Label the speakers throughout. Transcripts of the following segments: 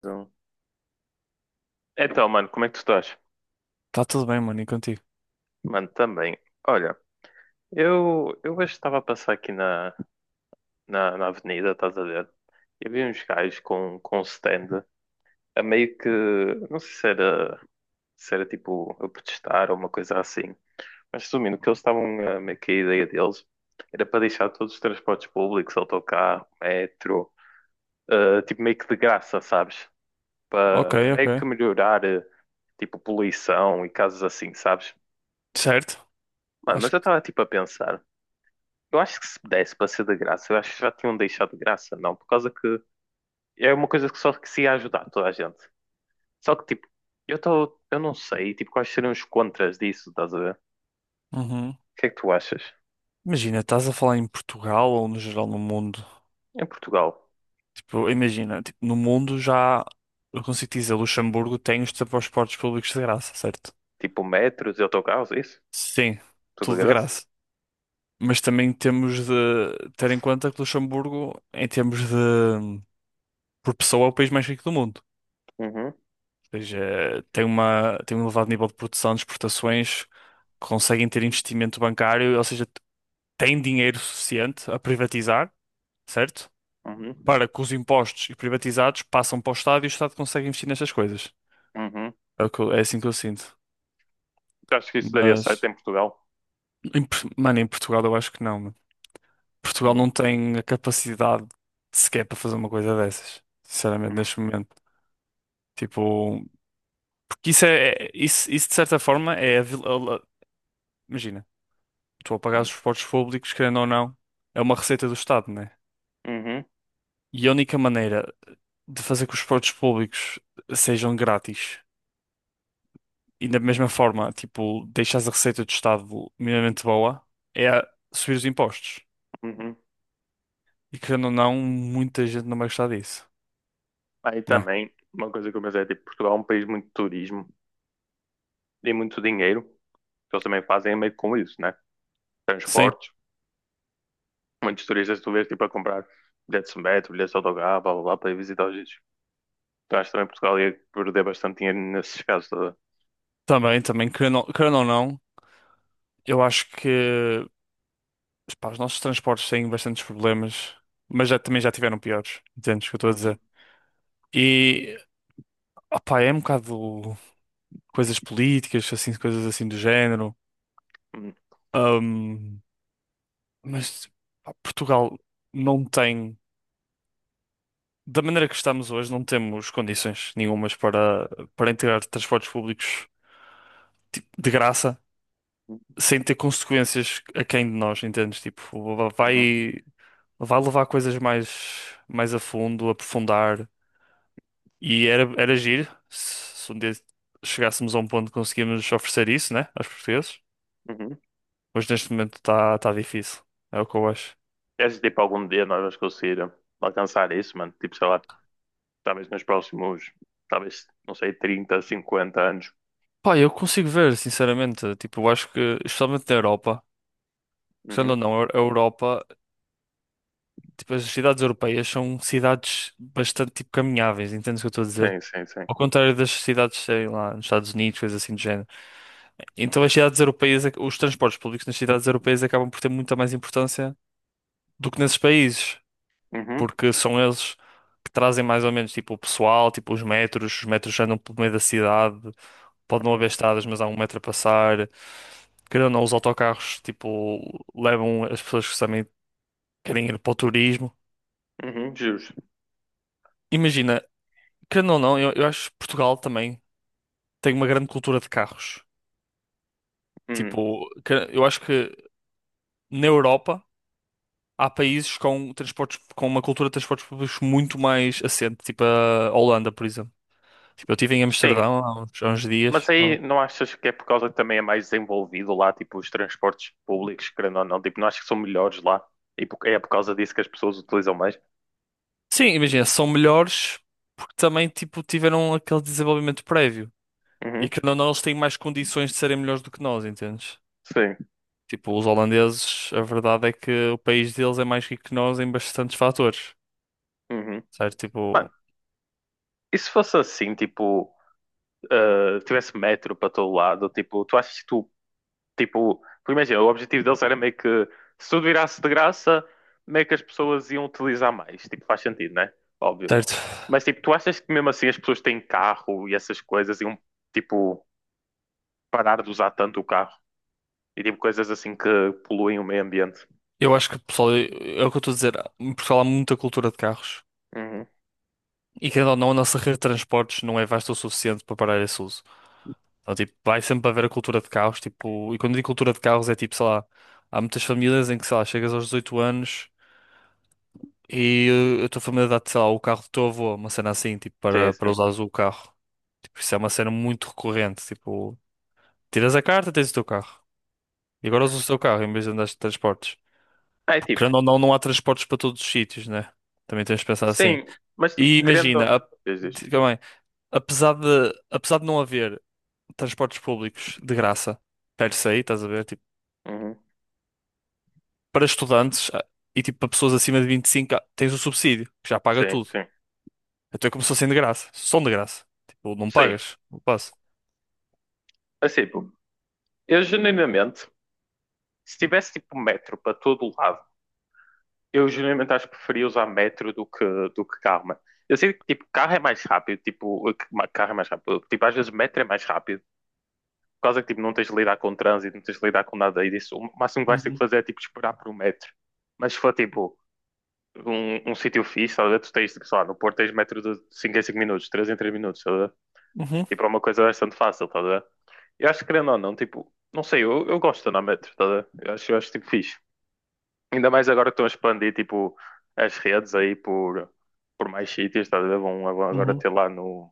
Speaker 1: Então, Então, mano, como é que tu estás?
Speaker 2: Tá tudo bem, mano, e contigo?
Speaker 1: Mano, também. Olha, eu hoje estava a passar aqui na avenida, estás a ver? E vi uns gajos com um stand a meio que. Não sei se era tipo a protestar ou uma coisa assim. Mas resumindo, o que eles estavam a meio que a ideia deles era para deixar todos os transportes públicos, autocarro, metro, tipo meio que de graça, sabes?
Speaker 2: Ok,
Speaker 1: Para meio que
Speaker 2: ok.
Speaker 1: melhorar, tipo, poluição e casos assim, sabes?
Speaker 2: Certo?
Speaker 1: Mano, mas
Speaker 2: Acho
Speaker 1: eu
Speaker 2: que.
Speaker 1: estava tipo a pensar, eu acho que se desse para ser de graça, eu acho que já tinham deixado de graça, não, por causa que é uma coisa que só que se ia ajudar toda a gente. Só que tipo, eu não sei, tipo, quais seriam os contras disso, estás a ver? O
Speaker 2: Uhum.
Speaker 1: que é que tu achas?
Speaker 2: Imagina, estás a falar em Portugal ou no geral no mundo?
Speaker 1: Em Portugal,
Speaker 2: Tipo, imagina, tipo, no mundo já. Eu consigo dizer, Luxemburgo tem os transportes públicos de graça, certo?
Speaker 1: tipo metros e autocarros, é isso?
Speaker 2: Sim,
Speaker 1: Tudo
Speaker 2: tudo
Speaker 1: de
Speaker 2: de
Speaker 1: graça?
Speaker 2: graça. Mas também temos de ter em conta que Luxemburgo, em termos de. Por pessoa, é o país mais rico do mundo.
Speaker 1: Uhum,
Speaker 2: Ou seja, tem um elevado nível de produção, de exportações, conseguem ter investimento bancário, ou seja. Tem dinheiro suficiente a privatizar, certo?
Speaker 1: uhum,
Speaker 2: Para que os impostos e privatizados passam para o Estado e o Estado consegue investir nestas coisas.
Speaker 1: uhum.
Speaker 2: É, é assim que eu sinto.
Speaker 1: Tu achas que isso daria certo
Speaker 2: Mas,
Speaker 1: em Portugal?
Speaker 2: mano, em Portugal eu acho que não, mano. Portugal
Speaker 1: Hum,
Speaker 2: não tem a capacidade sequer para fazer uma coisa dessas. Sinceramente,
Speaker 1: hum,
Speaker 2: neste momento. Tipo, porque isso é, isso de certa forma é a, vil- a- imagina, tu a pagar os
Speaker 1: hum,
Speaker 2: esportes públicos, querendo ou não, é uma receita do Estado, né?
Speaker 1: uhum,
Speaker 2: E a única maneira de fazer que os esportes públicos sejam grátis. E da mesma forma, tipo, deixares a receita do Estado minimamente boa, é a subir os impostos.
Speaker 1: uhum.
Speaker 2: E querendo ou não, muita gente não vai gostar disso,
Speaker 1: Aí
Speaker 2: né?
Speaker 1: também, uma coisa que eu pensei, é, tipo, Portugal é um país muito de turismo e muito dinheiro, que eles também fazem meio com isso, né?
Speaker 2: Sim,
Speaker 1: Transportes. Muitos turistas tu vês tipo a comprar bilhetes de metro, bilhetes de autocarro, blá blá blá, para ir visitar os sítios. Então acho que também Portugal ia perder bastante dinheiro nesses casos. Tá a ver?
Speaker 2: também, querendo ou não, eu acho que, pá, os nossos transportes têm bastantes problemas, mas já, também já tiveram piores, entendes o que eu estou a
Speaker 1: Uhum,
Speaker 2: dizer? E, opá, é um bocado coisas políticas, assim, coisas assim do género.
Speaker 1: uhum,
Speaker 2: Ahm, mas, pá, Portugal não tem, da maneira que estamos hoje, não temos condições nenhumas para, para integrar transportes públicos tipo, de graça, sem ter consequências a quem de nós, entendes? Tipo,
Speaker 1: uhum,
Speaker 2: vai, vai levar coisas mais, mais a fundo, aprofundar. E era giro se um dia chegássemos a um ponto que conseguíamos oferecer isso, né, aos portugueses.
Speaker 1: uhum.
Speaker 2: Mas neste momento está tá tá difícil. É o que eu acho.
Speaker 1: Queres tipo algum dia nós vamos conseguir alcançar isso, mano? Tipo, sei lá, talvez nos próximos, talvez, não sei, 30, 50 anos.
Speaker 2: Pá, eu consigo ver, sinceramente. Tipo, eu acho que, especialmente na Europa, querendo ou
Speaker 1: Uhum.
Speaker 2: não, a Europa. Tipo, as cidades europeias são cidades bastante tipo caminháveis, entendes o que eu estou a dizer?
Speaker 1: Sim, sim, sim.
Speaker 2: Ao contrário das cidades, sei lá, nos Estados Unidos, coisas assim do género. Então as cidades europeias, os transportes públicos nas cidades europeias acabam por ter muita mais importância do que nesses países,
Speaker 1: Uhum,
Speaker 2: porque são eles que trazem mais ou menos tipo o pessoal, tipo os metros andam pelo meio da cidade, pode não haver
Speaker 1: uhum,
Speaker 2: estradas, mas há um metro a passar. Querendo ou não, os autocarros tipo levam as pessoas que também querem ir para o turismo.
Speaker 1: uhum, justo.
Speaker 2: Imagina, querendo ou não, eu acho que Portugal também tem uma grande cultura de carros.
Speaker 1: Uhum.
Speaker 2: Tipo, eu acho que na Europa há países com transportes, com uma cultura de transportes públicos muito mais assente, tipo a Holanda, por exemplo. Tipo, eu estive em
Speaker 1: Sim,
Speaker 2: Amsterdão há uns
Speaker 1: mas
Speaker 2: dias.
Speaker 1: aí não achas que é por causa que também é mais desenvolvido lá, tipo, os transportes públicos, querendo ou não, tipo, não achas que são melhores lá? E por- é por causa disso que as pessoas utilizam mais?
Speaker 2: Sim, imagina, são melhores porque também tipo, tiveram aquele desenvolvimento prévio. E
Speaker 1: Uhum,
Speaker 2: que não, não, eles têm mais condições de serem melhores do que nós, entendes?
Speaker 1: sim,
Speaker 2: Tipo, os holandeses, a verdade é que o país deles é mais rico que nós em bastantes fatores.
Speaker 1: uhum.
Speaker 2: Certo?
Speaker 1: Mano,
Speaker 2: Tipo,
Speaker 1: e se fosse assim, tipo, ah, tivesse metro para todo lado, tipo, tu achas que tu, tipo, porque imagina, o objetivo deles era meio que, se tudo virasse de graça, meio que as pessoas iam utilizar mais, tipo, faz sentido, né? Óbvio.
Speaker 2: certo.
Speaker 1: Mas tipo, tu achas que mesmo assim as pessoas têm carro e essas coisas iam tipo parar de usar tanto o carro? E tipo coisas assim que poluem o meio ambiente.
Speaker 2: Eu acho que, pessoal, é o que eu estou a dizer. Em Portugal há muita cultura de carros.
Speaker 1: Uhum.
Speaker 2: E querendo ou não, a nossa rede de transportes não é vasta o suficiente para parar esse uso. Então, tipo, vai sempre haver a cultura de carros. Tipo, e quando digo cultura de carros é tipo, sei lá, há muitas famílias em que, sei lá, chegas aos 18 anos e a tua família dá-te, sei lá, o carro do teu avô, uma cena assim, tipo,
Speaker 1: Sim,
Speaker 2: para
Speaker 1: sim.
Speaker 2: usares o carro. Tipo, isso é uma cena muito recorrente. Tipo, tiras a carta, tens o teu carro. E agora usas o teu carro em vez de andares de transportes.
Speaker 1: Ah, é
Speaker 2: Porque,
Speaker 1: tipo,
Speaker 2: querendo ou não, não há transportes para todos os sítios, né? Também tens de pensar assim.
Speaker 1: sim, mas tipo,
Speaker 2: E imagina,
Speaker 1: Diz, diz.
Speaker 2: diga bem, apesar de não haver transportes públicos de graça, per se, estás a ver? Tipo,
Speaker 1: Uhum.
Speaker 2: para estudantes e tipo para pessoas acima de 25, tens o subsídio, que já paga
Speaker 1: Sim,
Speaker 2: tudo.
Speaker 1: sim.
Speaker 2: Até começou sendo de graça, são de graça. Tipo, não
Speaker 1: Sim.
Speaker 2: pagas, não passa.
Speaker 1: Assim, tipo, eu genuinamente, se tivesse tipo um metro para todo lado, eu genuinamente acho que preferia usar metro do que, carro, mano. Eu sei que tipo, carro é mais rápido, tipo, carro é mais rápido. Tipo, às vezes metro é mais rápido. Por causa que tipo, não tens de lidar com trânsito, não tens de lidar com nada e disso. O máximo que vais ter que
Speaker 2: Uhum,
Speaker 1: fazer é tipo esperar por um metro. Mas se for tipo um sítio fixe, estás a ver? Tu tens, sei lá, no Porto tens metro de 5 em 5 minutos, 3 em 3 minutos, estás a ver?
Speaker 2: uhum,
Speaker 1: Tipo, é uma coisa bastante fácil, estás a ver? Eu acho que querendo ou não, tipo, não sei, eu gosto de andar a metro, estás a ver? Eu acho tipo fixe. Ainda mais agora que estão a expandir, tipo, as redes aí por mais sítios, estás a ver? Vão, agora
Speaker 2: uhum.
Speaker 1: ter lá no.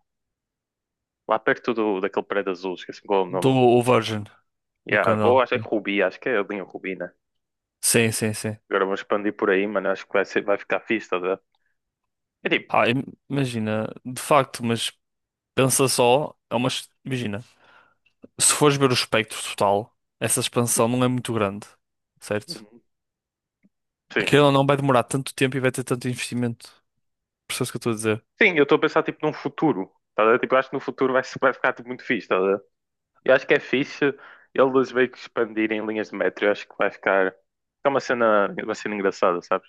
Speaker 1: Lá perto do, daquele prédio azul, esqueci qual é o
Speaker 2: Do
Speaker 1: nome.
Speaker 2: o Virgin e o
Speaker 1: Yeah, ou
Speaker 2: canal.
Speaker 1: acho que é Rubi, acho que é a linha Rubi, né?
Speaker 2: Sim, sim, sim.
Speaker 1: Agora vão expandir por aí, mano, acho que vai ficar fixe, estás a ver? É tipo,
Speaker 2: Ah, imagina, de facto, mas pensa só, é uma, imagina, se fores ver o espectro total, essa expansão não é muito grande, certo?
Speaker 1: sim.
Speaker 2: Aquilo ou não vai demorar tanto tempo e vai ter tanto investimento. Percebes o que eu estou a dizer?
Speaker 1: Sim, eu estou a pensar tipo num futuro. Tá a ver? Tipo, eu acho que no futuro vai, se- vai ficar tipo, muito fixe. Tá a ver? Eu acho que é fixe eles meio que expandirem linhas de metro. Eu acho que vai ficar. É uma cena engraçada, sabes?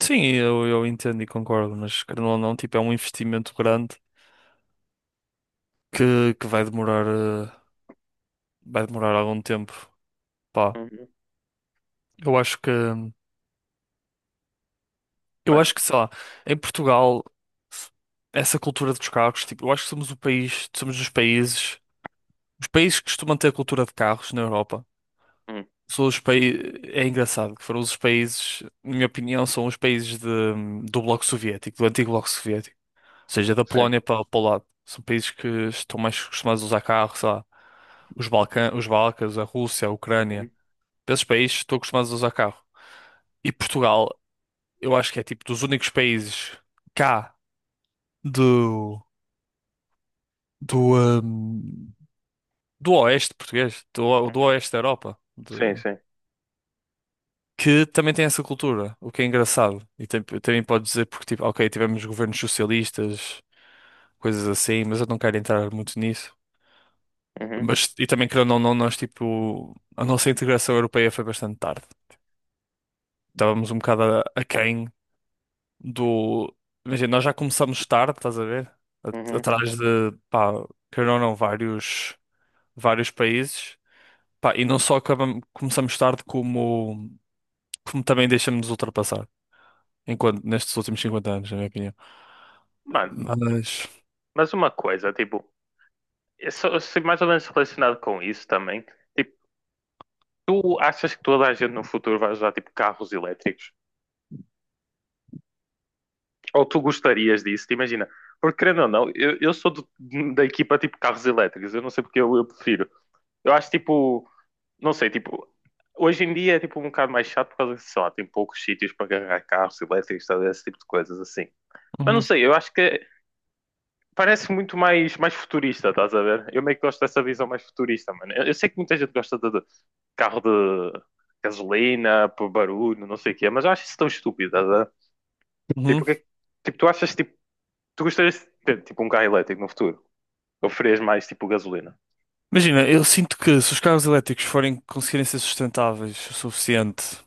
Speaker 2: Sim, eu entendo e concordo, mas querendo ou não, tipo, é um investimento grande que vai demorar algum tempo. Pá,
Speaker 1: Uhum.
Speaker 2: eu acho que, eu
Speaker 1: Mano,
Speaker 2: acho que, sei lá, em Portugal, essa cultura dos carros, tipo, eu acho que somos os países que costumam ter a cultura de carros na Europa.
Speaker 1: hum,
Speaker 2: São os países, é engraçado que foram os países, na minha opinião, são os países do Bloco Soviético, do antigo Bloco Soviético, seja da
Speaker 1: sim.
Speaker 2: Polónia para o lado. São países que estão mais acostumados a usar carros, sei lá, os Balcãs, a Rússia, a Ucrânia.
Speaker 1: Uhum.
Speaker 2: Para esses países estão acostumados a usar carro. E Portugal, eu acho que é tipo dos únicos países cá do do hum, do oeste português, do
Speaker 1: Uhum.
Speaker 2: oeste da Europa,
Speaker 1: Sim, sim.
Speaker 2: que também tem essa cultura, o que é engraçado. E também pode dizer porque tipo, ok, tivemos governos socialistas, coisas assim, mas eu não quero entrar muito nisso.
Speaker 1: Uhum.
Speaker 2: Mas, e também, querendo ou não, nós, tipo, a nossa integração europeia foi bastante tarde. Estávamos um bocado aquém do. Imagina, nós já começamos tarde, estás a ver?
Speaker 1: Uhum.
Speaker 2: Atrás de, pá, querendo ou não, vários países. Pá, e não só acabamos, começamos tarde, como também deixamos-nos ultrapassar. Enquanto, nestes últimos 50 anos, na minha opinião.
Speaker 1: Mano,
Speaker 2: Mas.
Speaker 1: mas uma coisa, tipo, eu mais ou menos relacionado com isso também. Tipo, tu achas que toda a gente no futuro vai usar tipo carros elétricos? Ou tu gostarias disso, te imagina. Porque querendo ou não, eu sou da equipa tipo carros elétricos, eu não sei porque eu prefiro. Eu acho tipo, não sei, tipo, hoje em dia é tipo um bocado mais chato por causa que, sei lá, tem poucos sítios para carregar carros elétricos, tal, esse tipo de coisas assim. Mas não
Speaker 2: Uhum,
Speaker 1: sei, eu acho que parece muito mais futurista, estás a ver? Eu meio que gosto dessa visão mais futurista, mano. Eu sei que muita gente gosta de carro de gasolina, por barulho, não sei o quê, mas eu acho isso tão estúpido, estás a ver? Tipo,
Speaker 2: uhum.
Speaker 1: o que é que- tipo, tu achas tipo Tu gostarias de ter tipo um carro elétrico no futuro? Ou farias mais tipo gasolina?
Speaker 2: Imagina, eu sinto que se os carros elétricos forem conseguirem ser sustentáveis o suficiente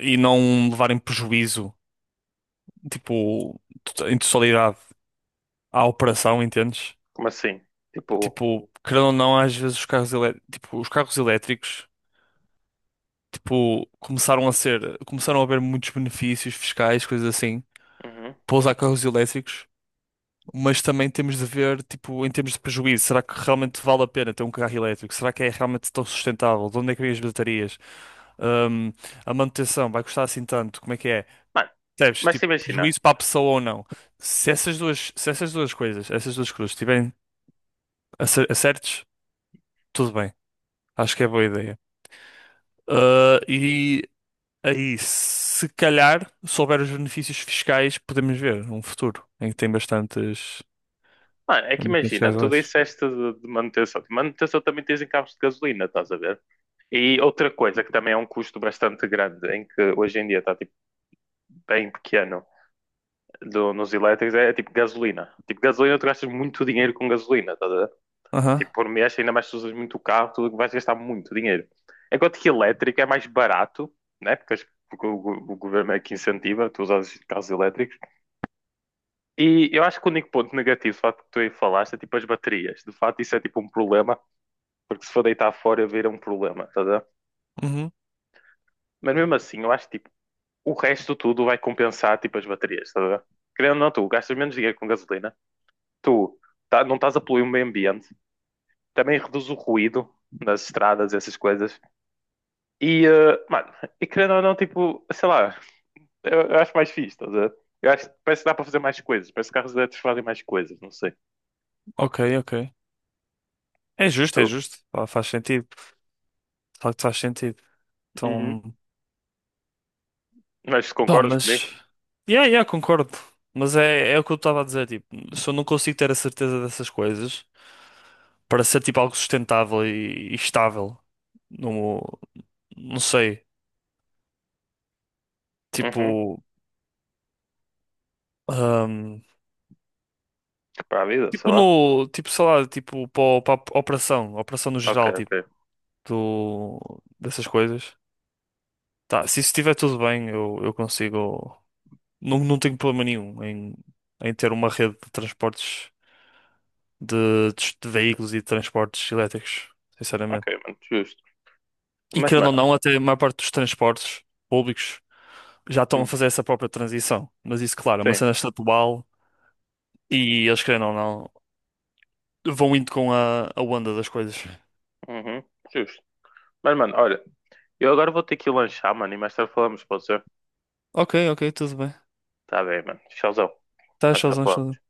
Speaker 2: e não levarem prejuízo tipo, em totalidade à operação, entendes?
Speaker 1: Como assim? Tipo,
Speaker 2: Tipo, querendo ou não, às vezes tipo, os carros elétricos, tipo, começaram a haver muitos benefícios fiscais, coisas assim,
Speaker 1: uhum.
Speaker 2: para usar carros elétricos, mas também temos de ver, tipo, em termos de prejuízo, será que realmente vale a pena ter um carro elétrico? Será que é realmente tão sustentável? De onde é que vêm as baterias? Ahm, a manutenção vai custar assim tanto? Como é que é?
Speaker 1: Mano,
Speaker 2: Percebes?
Speaker 1: mas
Speaker 2: Tipo,
Speaker 1: te imagina,
Speaker 2: prejuízo para a pessoa ou não? Se essas duas coisas, essas duas cruzes estiverem acertes, tudo bem. Acho que é boa ideia. Ah, e aí, se calhar, se houver os benefícios fiscais, podemos ver um futuro em que tem bastantes,
Speaker 1: mano, é
Speaker 2: tem
Speaker 1: que
Speaker 2: bastantes
Speaker 1: imagina, tu
Speaker 2: gasolinas.
Speaker 1: disseste de manutenção. De manutenção também tens em carros de gasolina, estás a ver? E outra coisa que também é um custo bastante grande, em que hoje em dia está tipo, bem pequeno nos elétricos, é, tipo gasolina. Tipo, gasolina, tu gastas muito dinheiro com gasolina, tá?
Speaker 2: Aham,
Speaker 1: Tipo, por mês, ainda mais se usas muito o carro, tu vais gastar muito dinheiro. Enquanto que elétrico é mais barato, né? Porque, porque o governo é que incentiva, tu usas carros elétricos. E eu acho que o único ponto negativo, de facto, que tu aí falaste, é tipo as baterias. De facto, isso é tipo um problema, porque se for deitar fora, vira um problema, tá a ver?
Speaker 2: uhum,
Speaker 1: Mas mesmo assim, eu acho que tipo, o resto tudo vai compensar tipo as baterias, tá a ver? Querendo ou não, tu gastas menos dinheiro com gasolina, tu não estás a poluir o meio ambiente, também reduz o ruído nas estradas, essas coisas. E, mano, e querendo ou não, tipo, sei lá, eu acho mais fixe, estás a ver? Eu acho que parece que dá para fazer mais coisas, parece que carros elétricos fazem mais coisas, não sei.
Speaker 2: ok, ok. É justo, é
Speaker 1: Tu-
Speaker 2: justo. Pá, faz sentido. De facto, faz sentido.
Speaker 1: Uhum.
Speaker 2: Então,
Speaker 1: Mas
Speaker 2: pá,
Speaker 1: concordas comigo?
Speaker 2: mas. Yeah, yeah, concordo. Mas é o que eu estava a dizer. Tipo, se eu não consigo ter a certeza dessas coisas para ser tipo algo sustentável e estável, não, não sei.
Speaker 1: Uhum.
Speaker 2: Tipo, ahm,
Speaker 1: Para a vida, sei
Speaker 2: tipo
Speaker 1: lá.
Speaker 2: no, tipo, sei lá, tipo para a operação, operação no
Speaker 1: Ok,
Speaker 2: geral, tipo,
Speaker 1: ok.
Speaker 2: do, dessas coisas. Tá, se isso estiver tudo bem, eu consigo, não, não tenho problema nenhum em, ter uma rede de transportes de veículos e de transportes elétricos,
Speaker 1: Ok,
Speaker 2: sinceramente.
Speaker 1: mano, justo.
Speaker 2: E
Speaker 1: Mas,
Speaker 2: querendo ou
Speaker 1: mano,
Speaker 2: não, até a maior parte dos transportes públicos já estão a
Speaker 1: hum,
Speaker 2: fazer essa própria transição. Mas isso, claro, é uma
Speaker 1: sim,
Speaker 2: cena estatual e eles, querendo ou não, vão indo com a onda das coisas.
Speaker 1: uhum, justo. Mas, mano, olha, eu agora vou ter que ir lanchar, mano, e mais tarde falamos, pode ser?
Speaker 2: Ok, ok, tudo bem.
Speaker 1: Tá bem, mano, tchauzão,
Speaker 2: Tá,
Speaker 1: mais tarde
Speaker 2: showzão, showzão.
Speaker 1: falamos.